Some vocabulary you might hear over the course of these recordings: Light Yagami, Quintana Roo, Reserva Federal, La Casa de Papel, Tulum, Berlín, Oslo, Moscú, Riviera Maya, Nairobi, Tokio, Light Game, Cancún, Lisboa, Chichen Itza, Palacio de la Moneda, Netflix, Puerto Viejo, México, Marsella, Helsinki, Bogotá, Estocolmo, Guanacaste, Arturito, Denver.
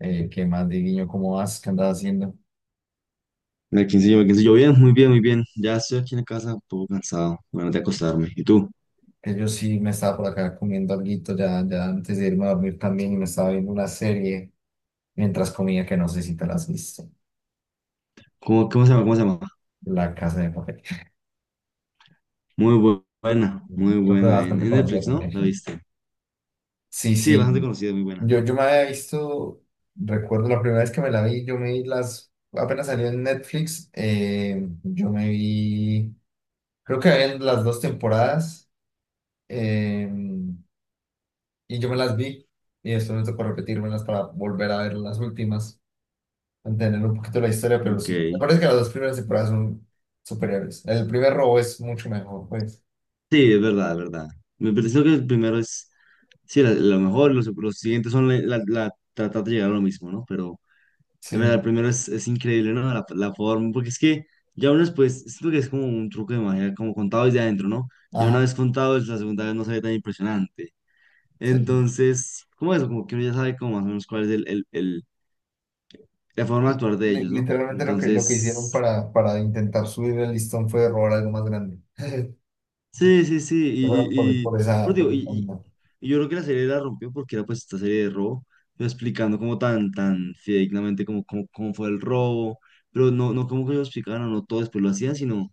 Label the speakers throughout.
Speaker 1: ¿Qué más, Diguiño? ¿Cómo vas? ¿Qué andas haciendo?
Speaker 2: En el quinceañero, bien, muy bien, muy bien. Ya estoy aquí en la casa, un poco cansado, bueno, de acostarme. ¿Y tú?
Speaker 1: Que yo sí me estaba por acá comiendo alguito ya antes de irme a dormir también y me estaba viendo una serie mientras comía que no sé si te la has visto.
Speaker 2: ¿Cómo se llama? ¿Cómo se llama?
Speaker 1: La Casa de Papel.
Speaker 2: Muy buena, muy
Speaker 1: Creo que era
Speaker 2: buena. En,
Speaker 1: bastante
Speaker 2: en
Speaker 1: conocida
Speaker 2: Netflix, ¿no?
Speaker 1: también.
Speaker 2: ¿La viste?
Speaker 1: Sí,
Speaker 2: Sí,
Speaker 1: sí.
Speaker 2: bastante conocida, muy buena.
Speaker 1: Yo me había visto, recuerdo la primera vez que me la vi, yo me vi las, apenas salió en Netflix, yo me vi, creo que habían las dos temporadas. eh, y yo me las vi y después me tocó repetírmelas para volver a ver las últimas, entender un poquito la historia, pero
Speaker 2: Ok.
Speaker 1: sí, me
Speaker 2: Sí,
Speaker 1: parece que las dos primeras temporadas son superiores. El primer robo es mucho mejor, pues.
Speaker 2: es verdad, es verdad. Me pareció que el primero es, sí, la mejor, los siguientes son tratar de llegar a lo mismo, ¿no? Pero
Speaker 1: Sí,
Speaker 2: es verdad, el primero es increíble, ¿no? La forma, porque es que ya uno después, siento que es como un truco de magia, como contado desde adentro, ¿no? Ya una
Speaker 1: ajá,
Speaker 2: vez contado, es la segunda vez no se ve tan impresionante.
Speaker 1: sí.
Speaker 2: Entonces, como eso, como que uno ya sabe como más o menos cuál es la forma de
Speaker 1: Sí.
Speaker 2: actuar de ellos, ¿no?
Speaker 1: Literalmente lo que hicieron
Speaker 2: Entonces,
Speaker 1: para intentar subir el listón fue robar algo más grande.
Speaker 2: sí, sí, sí,
Speaker 1: Fueron Por, por
Speaker 2: pero
Speaker 1: esa,
Speaker 2: digo,
Speaker 1: por esa onda,
Speaker 2: y yo creo que la serie la rompió porque era pues esta serie de robo, pero explicando como tan, tan fidedignamente como, como, cómo fue el robo, pero no, no como que lo explicaban o no todo después lo hacían, sino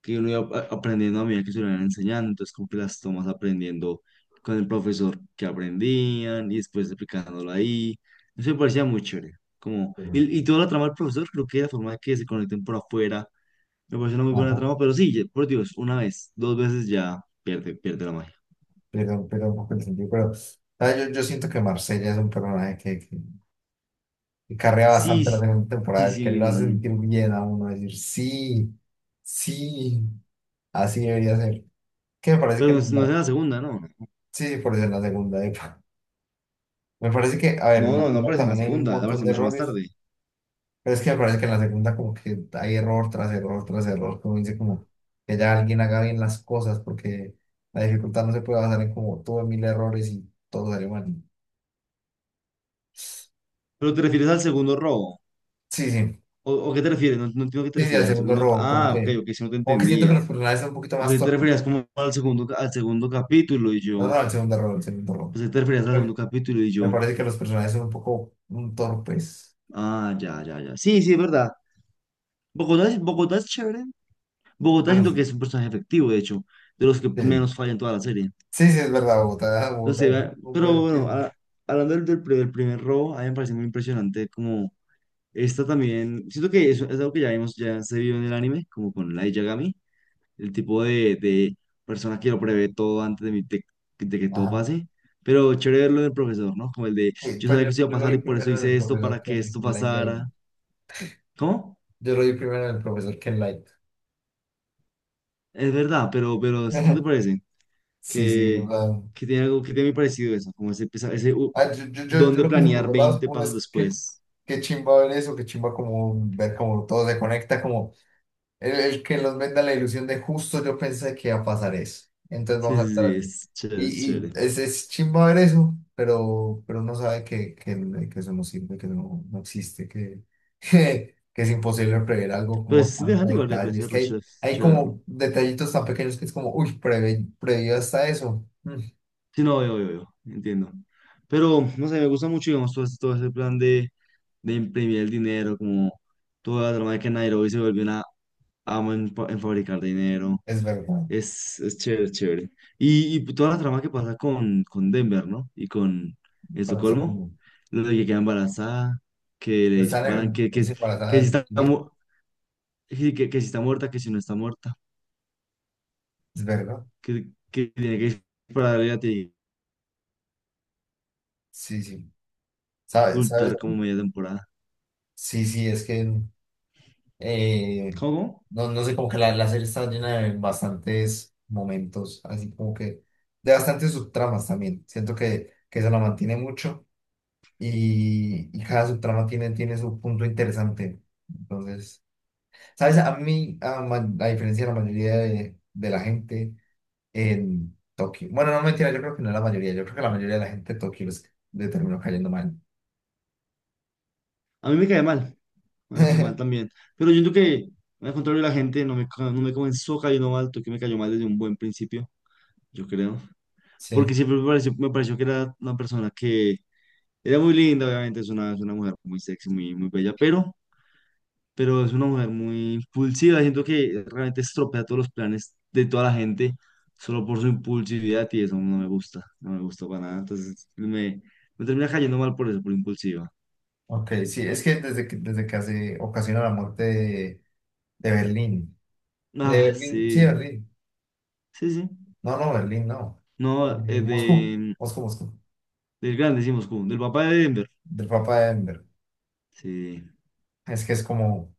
Speaker 2: que uno aprendiendo a medida que se lo iban enseñando, entonces como que las tomas aprendiendo con el profesor que aprendían y después explicándolo ahí, eso me parecía muy chévere, como,
Speaker 1: pero
Speaker 2: y toda la trama del profesor, creo que la forma de que se conecten por afuera, me parece una muy
Speaker 1: bueno,
Speaker 2: buena
Speaker 1: ajá,
Speaker 2: trama, pero sí, ya- por Dios, una vez, dos veces ya pierde, pierde la magia.
Speaker 1: pero un poco el sentido, pero ah, yo siento que Marsella es un personaje que y carrea
Speaker 2: Sí,
Speaker 1: bastante la
Speaker 2: sí,
Speaker 1: segunda
Speaker 2: sí,
Speaker 1: temporada, que
Speaker 2: sí,
Speaker 1: lo hace
Speaker 2: mm,
Speaker 1: sentir bien a uno, decir, sí, sí, así debería ser. Que me parece que,
Speaker 2: pero no
Speaker 1: en
Speaker 2: es, no es
Speaker 1: la
Speaker 2: en la segunda, ¿no?
Speaker 1: sí, por eso en la segunda, epa. Me parece que, a ver,
Speaker 2: No,
Speaker 1: en la
Speaker 2: no, no
Speaker 1: primera
Speaker 2: aparece en la
Speaker 1: también hay un
Speaker 2: segunda,
Speaker 1: montón
Speaker 2: aparece
Speaker 1: de
Speaker 2: mucho más
Speaker 1: errores,
Speaker 2: tarde.
Speaker 1: pero es que me parece que en la segunda como que hay error tras error tras error, como dice, como que ya alguien haga bien las cosas, porque la dificultad no se puede basar en como tuve mil errores y todo sale mal.
Speaker 2: Pero te refieres al segundo robo.
Speaker 1: Sí, sí,
Speaker 2: O qué te refieres? No, no entiendo a qué te
Speaker 1: sí, sí, el
Speaker 2: refieres. Al
Speaker 1: segundo
Speaker 2: segundo.
Speaker 1: error,
Speaker 2: Ah, ok, ok, si no te
Speaker 1: como que siento que
Speaker 2: entendía.
Speaker 1: los personajes son un poquito
Speaker 2: Pues
Speaker 1: más
Speaker 2: ahí te
Speaker 1: torpes.
Speaker 2: referías como al segundo, al segundo capítulo y
Speaker 1: No,
Speaker 2: yo.
Speaker 1: no, el segundo error, el segundo error.
Speaker 2: Pues ahí te referías al segundo
Speaker 1: Eh,
Speaker 2: capítulo y
Speaker 1: Me
Speaker 2: yo.
Speaker 1: parece que los personajes son un poco torpes.
Speaker 2: Ah, ya, ya, ya. Sí, sí, es verdad. Bogotá, Bogotá es chévere. Bogotá
Speaker 1: Bueno,
Speaker 2: siento que
Speaker 1: sí.
Speaker 2: es un personaje efectivo, de hecho, de los que
Speaker 1: Sí,
Speaker 2: menos falla en toda la serie.
Speaker 1: sí, sí, es verdad,
Speaker 2: Entonces,
Speaker 1: Bogotá es un
Speaker 2: pero
Speaker 1: hombre
Speaker 2: bueno,
Speaker 1: firme.
Speaker 2: hablando del primer robo, a mí me parece muy impresionante como esta también. Siento que es algo que ya vimos, ya se vio en el anime, como con Light Yagami el tipo de persona que lo prevé todo antes de, de que todo
Speaker 1: Ajá.
Speaker 2: pase. Pero chévere verlo del profesor, ¿no? Como el de,
Speaker 1: Sí,
Speaker 2: yo
Speaker 1: pues
Speaker 2: sabía
Speaker 1: yo,
Speaker 2: que esto iba a
Speaker 1: yo lo
Speaker 2: pasar
Speaker 1: vi
Speaker 2: y por eso
Speaker 1: primero en el
Speaker 2: hice esto
Speaker 1: profesor
Speaker 2: para
Speaker 1: que
Speaker 2: que
Speaker 1: en
Speaker 2: esto
Speaker 1: Light Game.
Speaker 2: pasara. ¿Cómo?
Speaker 1: Yo lo vi primero en el profesor que en Light.
Speaker 2: Es verdad, pero ¿no te parece?
Speaker 1: Sí, sí, o
Speaker 2: Que, que tiene algo que tiene muy parecido eso, como ese, ese
Speaker 1: ah, yo, yo, yo,
Speaker 2: don
Speaker 1: yo
Speaker 2: de
Speaker 1: lo pienso por
Speaker 2: planear
Speaker 1: dos lados.
Speaker 2: 20
Speaker 1: Uno
Speaker 2: pasos
Speaker 1: es que
Speaker 2: después.
Speaker 1: qué chimba ver eso, qué chimba como ver cómo todo se conecta, como el que nos venda la ilusión de justo yo pensé que iba a pasar eso. Entonces
Speaker 2: Sí,
Speaker 1: vamos a estar
Speaker 2: sí,
Speaker 1: así.
Speaker 2: sí, es chévere,
Speaker 1: Y,
Speaker 2: es
Speaker 1: y
Speaker 2: chévere.
Speaker 1: es chimba ver eso, pero uno sabe que eso no sirve, que no, no existe, que, que, es imposible prever algo
Speaker 2: Pero
Speaker 1: como
Speaker 2: es
Speaker 1: tanto
Speaker 2: interesante igual
Speaker 1: detalle. Es que
Speaker 2: verlo,
Speaker 1: hay,
Speaker 2: es
Speaker 1: hay
Speaker 2: chévere verlo.
Speaker 1: como detallitos tan pequeños que es como, uy, preve, previó hasta eso. Mm,
Speaker 2: Sí, no, yo, entiendo. Pero, no sé, me gusta mucho, digamos, todo, todo ese plan de imprimir el dinero, como toda la trama de que Nairobi se volvió una ama en fabricar dinero.
Speaker 1: es verdad.
Speaker 2: Es chévere, es chévere. Y toda la trama que pasa con Denver, ¿no? Y con
Speaker 1: Con eso
Speaker 2: Estocolmo,
Speaker 1: como,
Speaker 2: lo de que queda embarazada, que le
Speaker 1: están
Speaker 2: disparan,
Speaker 1: en es
Speaker 2: que,
Speaker 1: embarazada
Speaker 2: si
Speaker 1: de
Speaker 2: está,
Speaker 1: uy,
Speaker 2: sí, que si está muerta, que si no está muerta,
Speaker 1: es verdad.
Speaker 2: que tiene que dispararle y la
Speaker 1: Sí, sí. ¿Sabes? ¿Sabes?
Speaker 2: ocultar como media temporada.
Speaker 1: Sí, sí, es que Eh,
Speaker 2: ¿Cómo?
Speaker 1: no, no sé, como que la serie está llena de bastantes momentos, así como que de bastantes subtramas también. Siento que se la mantiene mucho y cada subtrama tiene, tiene su punto interesante. Entonces, ¿sabes? A mí, a, ma- a diferencia de la mayoría de la gente en Tokio, bueno, no mentira, yo creo que no la mayoría, yo creo que la mayoría de la gente de Tokio les, le terminó cayendo mal.
Speaker 2: A mí me cae mal también. Pero yo siento que, al contrario, la gente no me, no me comenzó cayendo mal, tú que me cayó mal desde un buen principio, yo creo.
Speaker 1: Sí,
Speaker 2: Porque siempre me pareció que era una persona que era muy linda, obviamente, es una mujer muy sexy, muy, muy bella, pero es una mujer muy impulsiva. Siento que realmente estropea todos los planes de toda la gente solo por su impulsividad y eso no me gusta, no me gusta para nada. Entonces me termina cayendo mal por eso, por impulsiva.
Speaker 1: ok, sí, es que desde que, desde que hace, ocasiona la muerte. De Berlín. De
Speaker 2: Ah,
Speaker 1: Berlín, sí,
Speaker 2: sí,
Speaker 1: Berlín.
Speaker 2: sí, sí.
Speaker 1: No, no, Berlín, no.
Speaker 2: No,
Speaker 1: Moscú,
Speaker 2: de,
Speaker 1: Moscú, Moscú.
Speaker 2: del grande, decimos, como, del papá de Denver.
Speaker 1: Del Papa de Denver.
Speaker 2: Sí.
Speaker 1: Es que es como,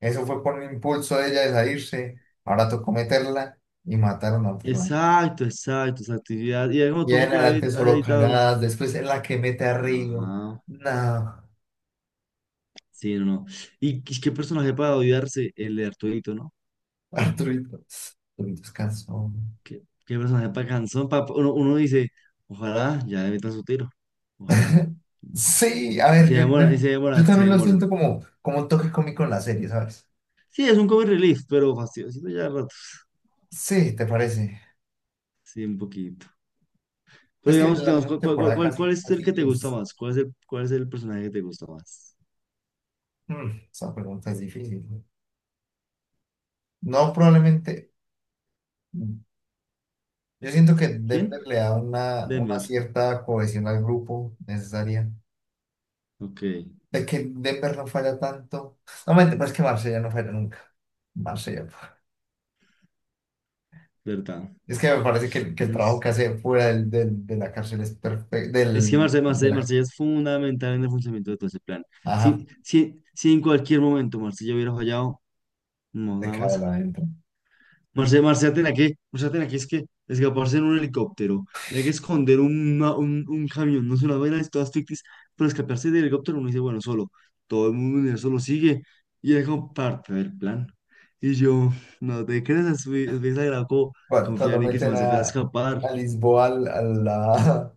Speaker 1: eso fue por el impulso de ella de salirse. Ahora tocó meterla y matar a una persona.
Speaker 2: Exacto, exacto, exacto. Y ya como
Speaker 1: Y
Speaker 2: todo se
Speaker 1: en
Speaker 2: puede
Speaker 1: adelante
Speaker 2: haber, haber
Speaker 1: solo
Speaker 2: editado.
Speaker 1: cagadas. Después es la que mete a Río.
Speaker 2: Ajá.
Speaker 1: No,
Speaker 2: Sí, no, no. Y qué qué personaje para odiarse el de Arturito, ¿no?
Speaker 1: Arturito. Arturito es cansón.
Speaker 2: Qué, qué personaje para cansón. Uno, uno dice, ojalá ya le metan su tiro. Ojalá.
Speaker 1: Sí, a ver,
Speaker 2: Y se
Speaker 1: yo
Speaker 2: demoran, se
Speaker 1: también lo
Speaker 2: demoran.
Speaker 1: siento como, como un toque cómico en la serie, ¿sabes?
Speaker 2: Sí, es un comic relief, pero fastidiosito ya a ratos.
Speaker 1: Sí, ¿te parece?
Speaker 2: Sí, un poquito. Pero
Speaker 1: Es que
Speaker 2: digamos,
Speaker 1: la
Speaker 2: digamos,
Speaker 1: segunda
Speaker 2: ¿cuál, cuál,
Speaker 1: temporada
Speaker 2: cuál, cuál
Speaker 1: casi,
Speaker 2: es el
Speaker 1: casi
Speaker 2: que te gusta
Speaker 1: les
Speaker 2: más? Cuál es el personaje que te gusta más?
Speaker 1: mm, esa pregunta es difícil. ¿No? No, probablemente mm, yo siento que Denver
Speaker 2: ¿Quién?
Speaker 1: le da una
Speaker 2: Denver,
Speaker 1: cierta cohesión al grupo necesaria.
Speaker 2: ok,
Speaker 1: De que Denver no falla tanto. No, mente, pero es que Marsella no falla nunca. Marsella.
Speaker 2: verdad.
Speaker 1: Es que me parece que el trabajo
Speaker 2: Nos-
Speaker 1: que hace fuera del, del de la cárcel es perfecto.
Speaker 2: Es que
Speaker 1: Del,
Speaker 2: Marsella,
Speaker 1: de
Speaker 2: Marsella,
Speaker 1: la,
Speaker 2: Marsella es fundamental en el funcionamiento de todo ese plan.
Speaker 1: ajá,
Speaker 2: Si, si, si en cualquier momento Marsella hubiera fallado, no,
Speaker 1: de
Speaker 2: nada
Speaker 1: cada
Speaker 2: pasa.
Speaker 1: lado adentro.
Speaker 2: Marsella, Marsella tenía que, es que escaparse en un helicóptero, tenía que esconder un camión, no sé, unas vainas todas ficticias, pero escaparse del helicóptero uno dice, bueno, solo, todo el mundo universo lo sigue, y era como parte del plan. Y yo, no te creas, es muy exagerado como
Speaker 1: Cuando, cuando
Speaker 2: confiar en que se me
Speaker 1: meten
Speaker 2: hace fuera a escapar.
Speaker 1: a Lisboa al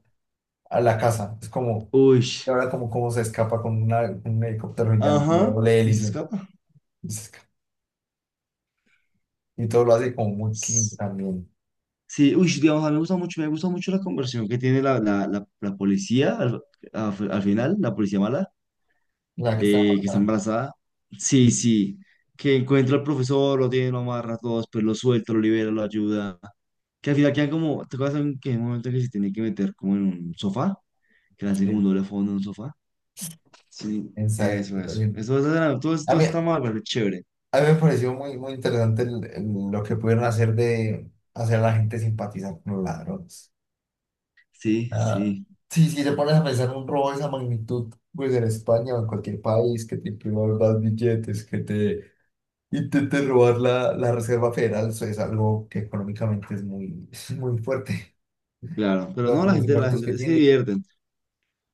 Speaker 1: a la casa, es como
Speaker 2: Uy.
Speaker 1: y ahora como, como se escapa con una con un helicóptero gigante, de
Speaker 2: Ajá,
Speaker 1: doble
Speaker 2: y se
Speaker 1: hélice.
Speaker 2: escapa.
Speaker 1: Y, se esca- y todo lo hace como muy clean
Speaker 2: S-
Speaker 1: también.
Speaker 2: Sí, uy, digamos, a mí me gusta mucho la conversión que tiene la policía al final, la policía mala,
Speaker 1: La que está
Speaker 2: que está
Speaker 1: bacana,
Speaker 2: embarazada. Sí, sí, que encuentra al profesor, lo tiene, lo amarra a todos, pues lo suelta, lo libera, lo ayuda. Que al final quedan como, ¿te acuerdas en que hay un momento que se tiene que meter como en un sofá? Que le hace como
Speaker 1: sí,
Speaker 2: un doble fondo en un sofá. Sí,
Speaker 1: en serio,
Speaker 2: eso,
Speaker 1: lo
Speaker 2: eso.
Speaker 1: siento.
Speaker 2: Eso, todo,
Speaker 1: A
Speaker 2: todo
Speaker 1: mí,
Speaker 2: está
Speaker 1: a
Speaker 2: mal, pero es chévere.
Speaker 1: mí me pareció muy, muy interesante el lo que pudieron hacer de hacer a la gente simpatizar con los ladrones.
Speaker 2: Sí,
Speaker 1: Ah,
Speaker 2: sí,
Speaker 1: sí, si te pones a pensar un robo de esa magnitud, pues en España o en cualquier país, que te impriman más billetes, que te intenten robar la Reserva Federal, eso es algo que económicamente es muy, muy fuerte.
Speaker 2: claro. Pero
Speaker 1: Lo-
Speaker 2: no,
Speaker 1: los
Speaker 2: la
Speaker 1: impactos que
Speaker 2: gente se
Speaker 1: tiene.
Speaker 2: divierten.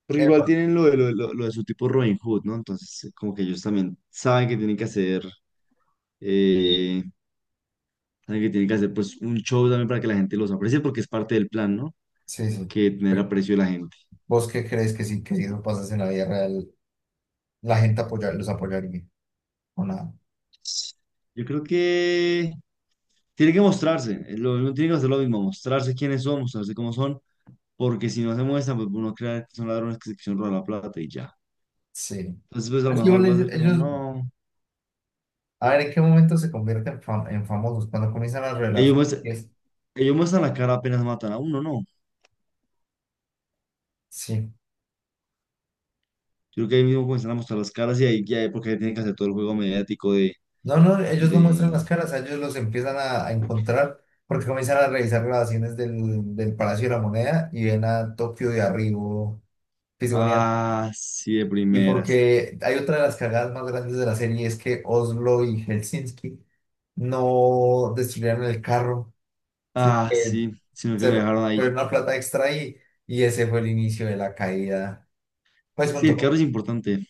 Speaker 2: Pero igual
Speaker 1: Epa,
Speaker 2: tienen lo de, lo, lo de su tipo Robin Hood, ¿no? Entonces, como que ellos también saben que tienen que hacer, eh, saben que tienen que hacer pues un show también para que la gente los aprecie, porque es parte del plan, ¿no?
Speaker 1: sí, sí.
Speaker 2: Que tener
Speaker 1: Pero,
Speaker 2: aprecio de la gente.
Speaker 1: ¿vos qué crees que sí, que si eso pasase en la vida real, la gente apoyar, los apoyaría o nada?
Speaker 2: Yo creo que tiene que mostrarse, lo, uno tiene que hacer lo mismo, mostrarse quiénes son, mostrarse cómo son, porque si no se muestran, pues uno crea que son ladrones que se quisieron robar la plata y ya.
Speaker 1: Sí.
Speaker 2: Entonces, pues a lo
Speaker 1: Es que igual
Speaker 2: mejor va a ser como, no,
Speaker 1: a ver en qué momento se convierten en, fam- en famosos, cuando comienzan a revelar
Speaker 2: ellos
Speaker 1: sus
Speaker 2: muestran,
Speaker 1: pies.
Speaker 2: ellos muestran la cara apenas matan a uno, ¿no?
Speaker 1: Sí.
Speaker 2: Yo creo que ahí mismo comienzan a mostrar las caras y ahí ya, porque ahí tienen que hacer todo el juego mediático de,
Speaker 1: No, no, ellos no muestran las
Speaker 2: de...
Speaker 1: caras, a ellos los empiezan a encontrar porque comienzan a revisar grabaciones del, del Palacio de la Moneda y ven a Tokio de arriba,
Speaker 2: Ah, sí, de
Speaker 1: y
Speaker 2: primeras.
Speaker 1: porque hay otra de las cagadas más grandes de la serie es que Oslo y Helsinki no destruyeron el carro, sino
Speaker 2: Ah,
Speaker 1: que
Speaker 2: sí, sino que lo
Speaker 1: se
Speaker 2: dejaron ahí.
Speaker 1: fue una plata extra ahí y ese fue el inicio de la caída. Pues
Speaker 2: Sí, el
Speaker 1: junto
Speaker 2: carro
Speaker 1: con
Speaker 2: es importante.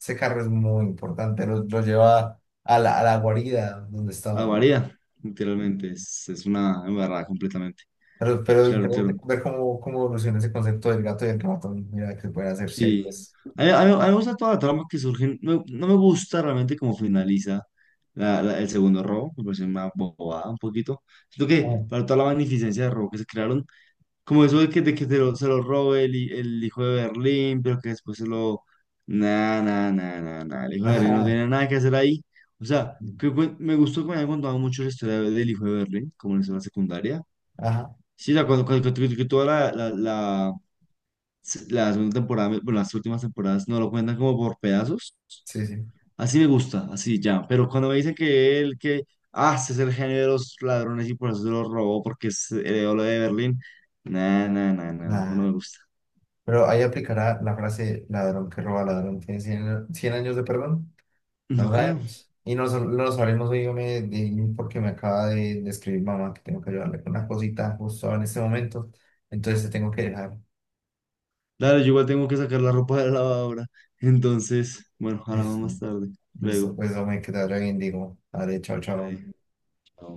Speaker 1: ese carro es muy importante, lo lleva a la guarida donde
Speaker 2: Ah,
Speaker 1: estaban.
Speaker 2: varía, literalmente. Es una embarrada completamente.
Speaker 1: Pero
Speaker 2: Claro,
Speaker 1: interesante
Speaker 2: claro.
Speaker 1: ver cómo, cómo evoluciona ese concepto del gato y el ratón. Mira, que se pueden hacer
Speaker 2: Sí,
Speaker 1: series.
Speaker 2: a mí me gusta toda la trama que surge, no, no me gusta realmente cómo finaliza el segundo robo, me parece una bobada un poquito. Siento
Speaker 1: Ah,
Speaker 2: que para toda la magnificencia de robo que se crearon, como eso de que se lo robe el hijo de Berlín, pero que después se lo... Nah, nah, nah, nah, nah, el hijo de Berlín no
Speaker 1: ajá,
Speaker 2: tiene nada que hacer ahí. O sea, que, me gustó que me hayan contado mucho la historia del hijo de Berlín, como en la escena secundaria.
Speaker 1: ajá,
Speaker 2: Sí, o sea, cuando, que toda la segunda temporada, bueno, las últimas temporadas no lo cuentan como por pedazos.
Speaker 1: sí, sí.
Speaker 2: Así me gusta, así ya. Pero cuando me dicen que él, que, ah, ese es el genio de los ladrones y por eso se lo robó porque es heredó lo de Berlín. Nah, nah, nah, nah, nah, eso no
Speaker 1: Ah.
Speaker 2: me gusta.
Speaker 1: Pero ahí aplicará la frase ladrón que roba ladrón. Tiene cien años de perdón. No
Speaker 2: No
Speaker 1: lo
Speaker 2: creo.
Speaker 1: sabemos. Y no, sab- no lo sabremos hoy yo me, de- porque me acaba de escribir mamá que tengo que ayudarle con una cosita justo ahora en este momento. Entonces te tengo que dejar.
Speaker 2: Dale, yo igual tengo que sacar la ropa de la lavadora. Entonces, bueno, hablamos
Speaker 1: Listo,
Speaker 2: más tarde.
Speaker 1: listo,
Speaker 2: Luego.
Speaker 1: pues hombre, que te vaya bien, digo. Vale, chao,
Speaker 2: Dale,
Speaker 1: chao.
Speaker 2: chao.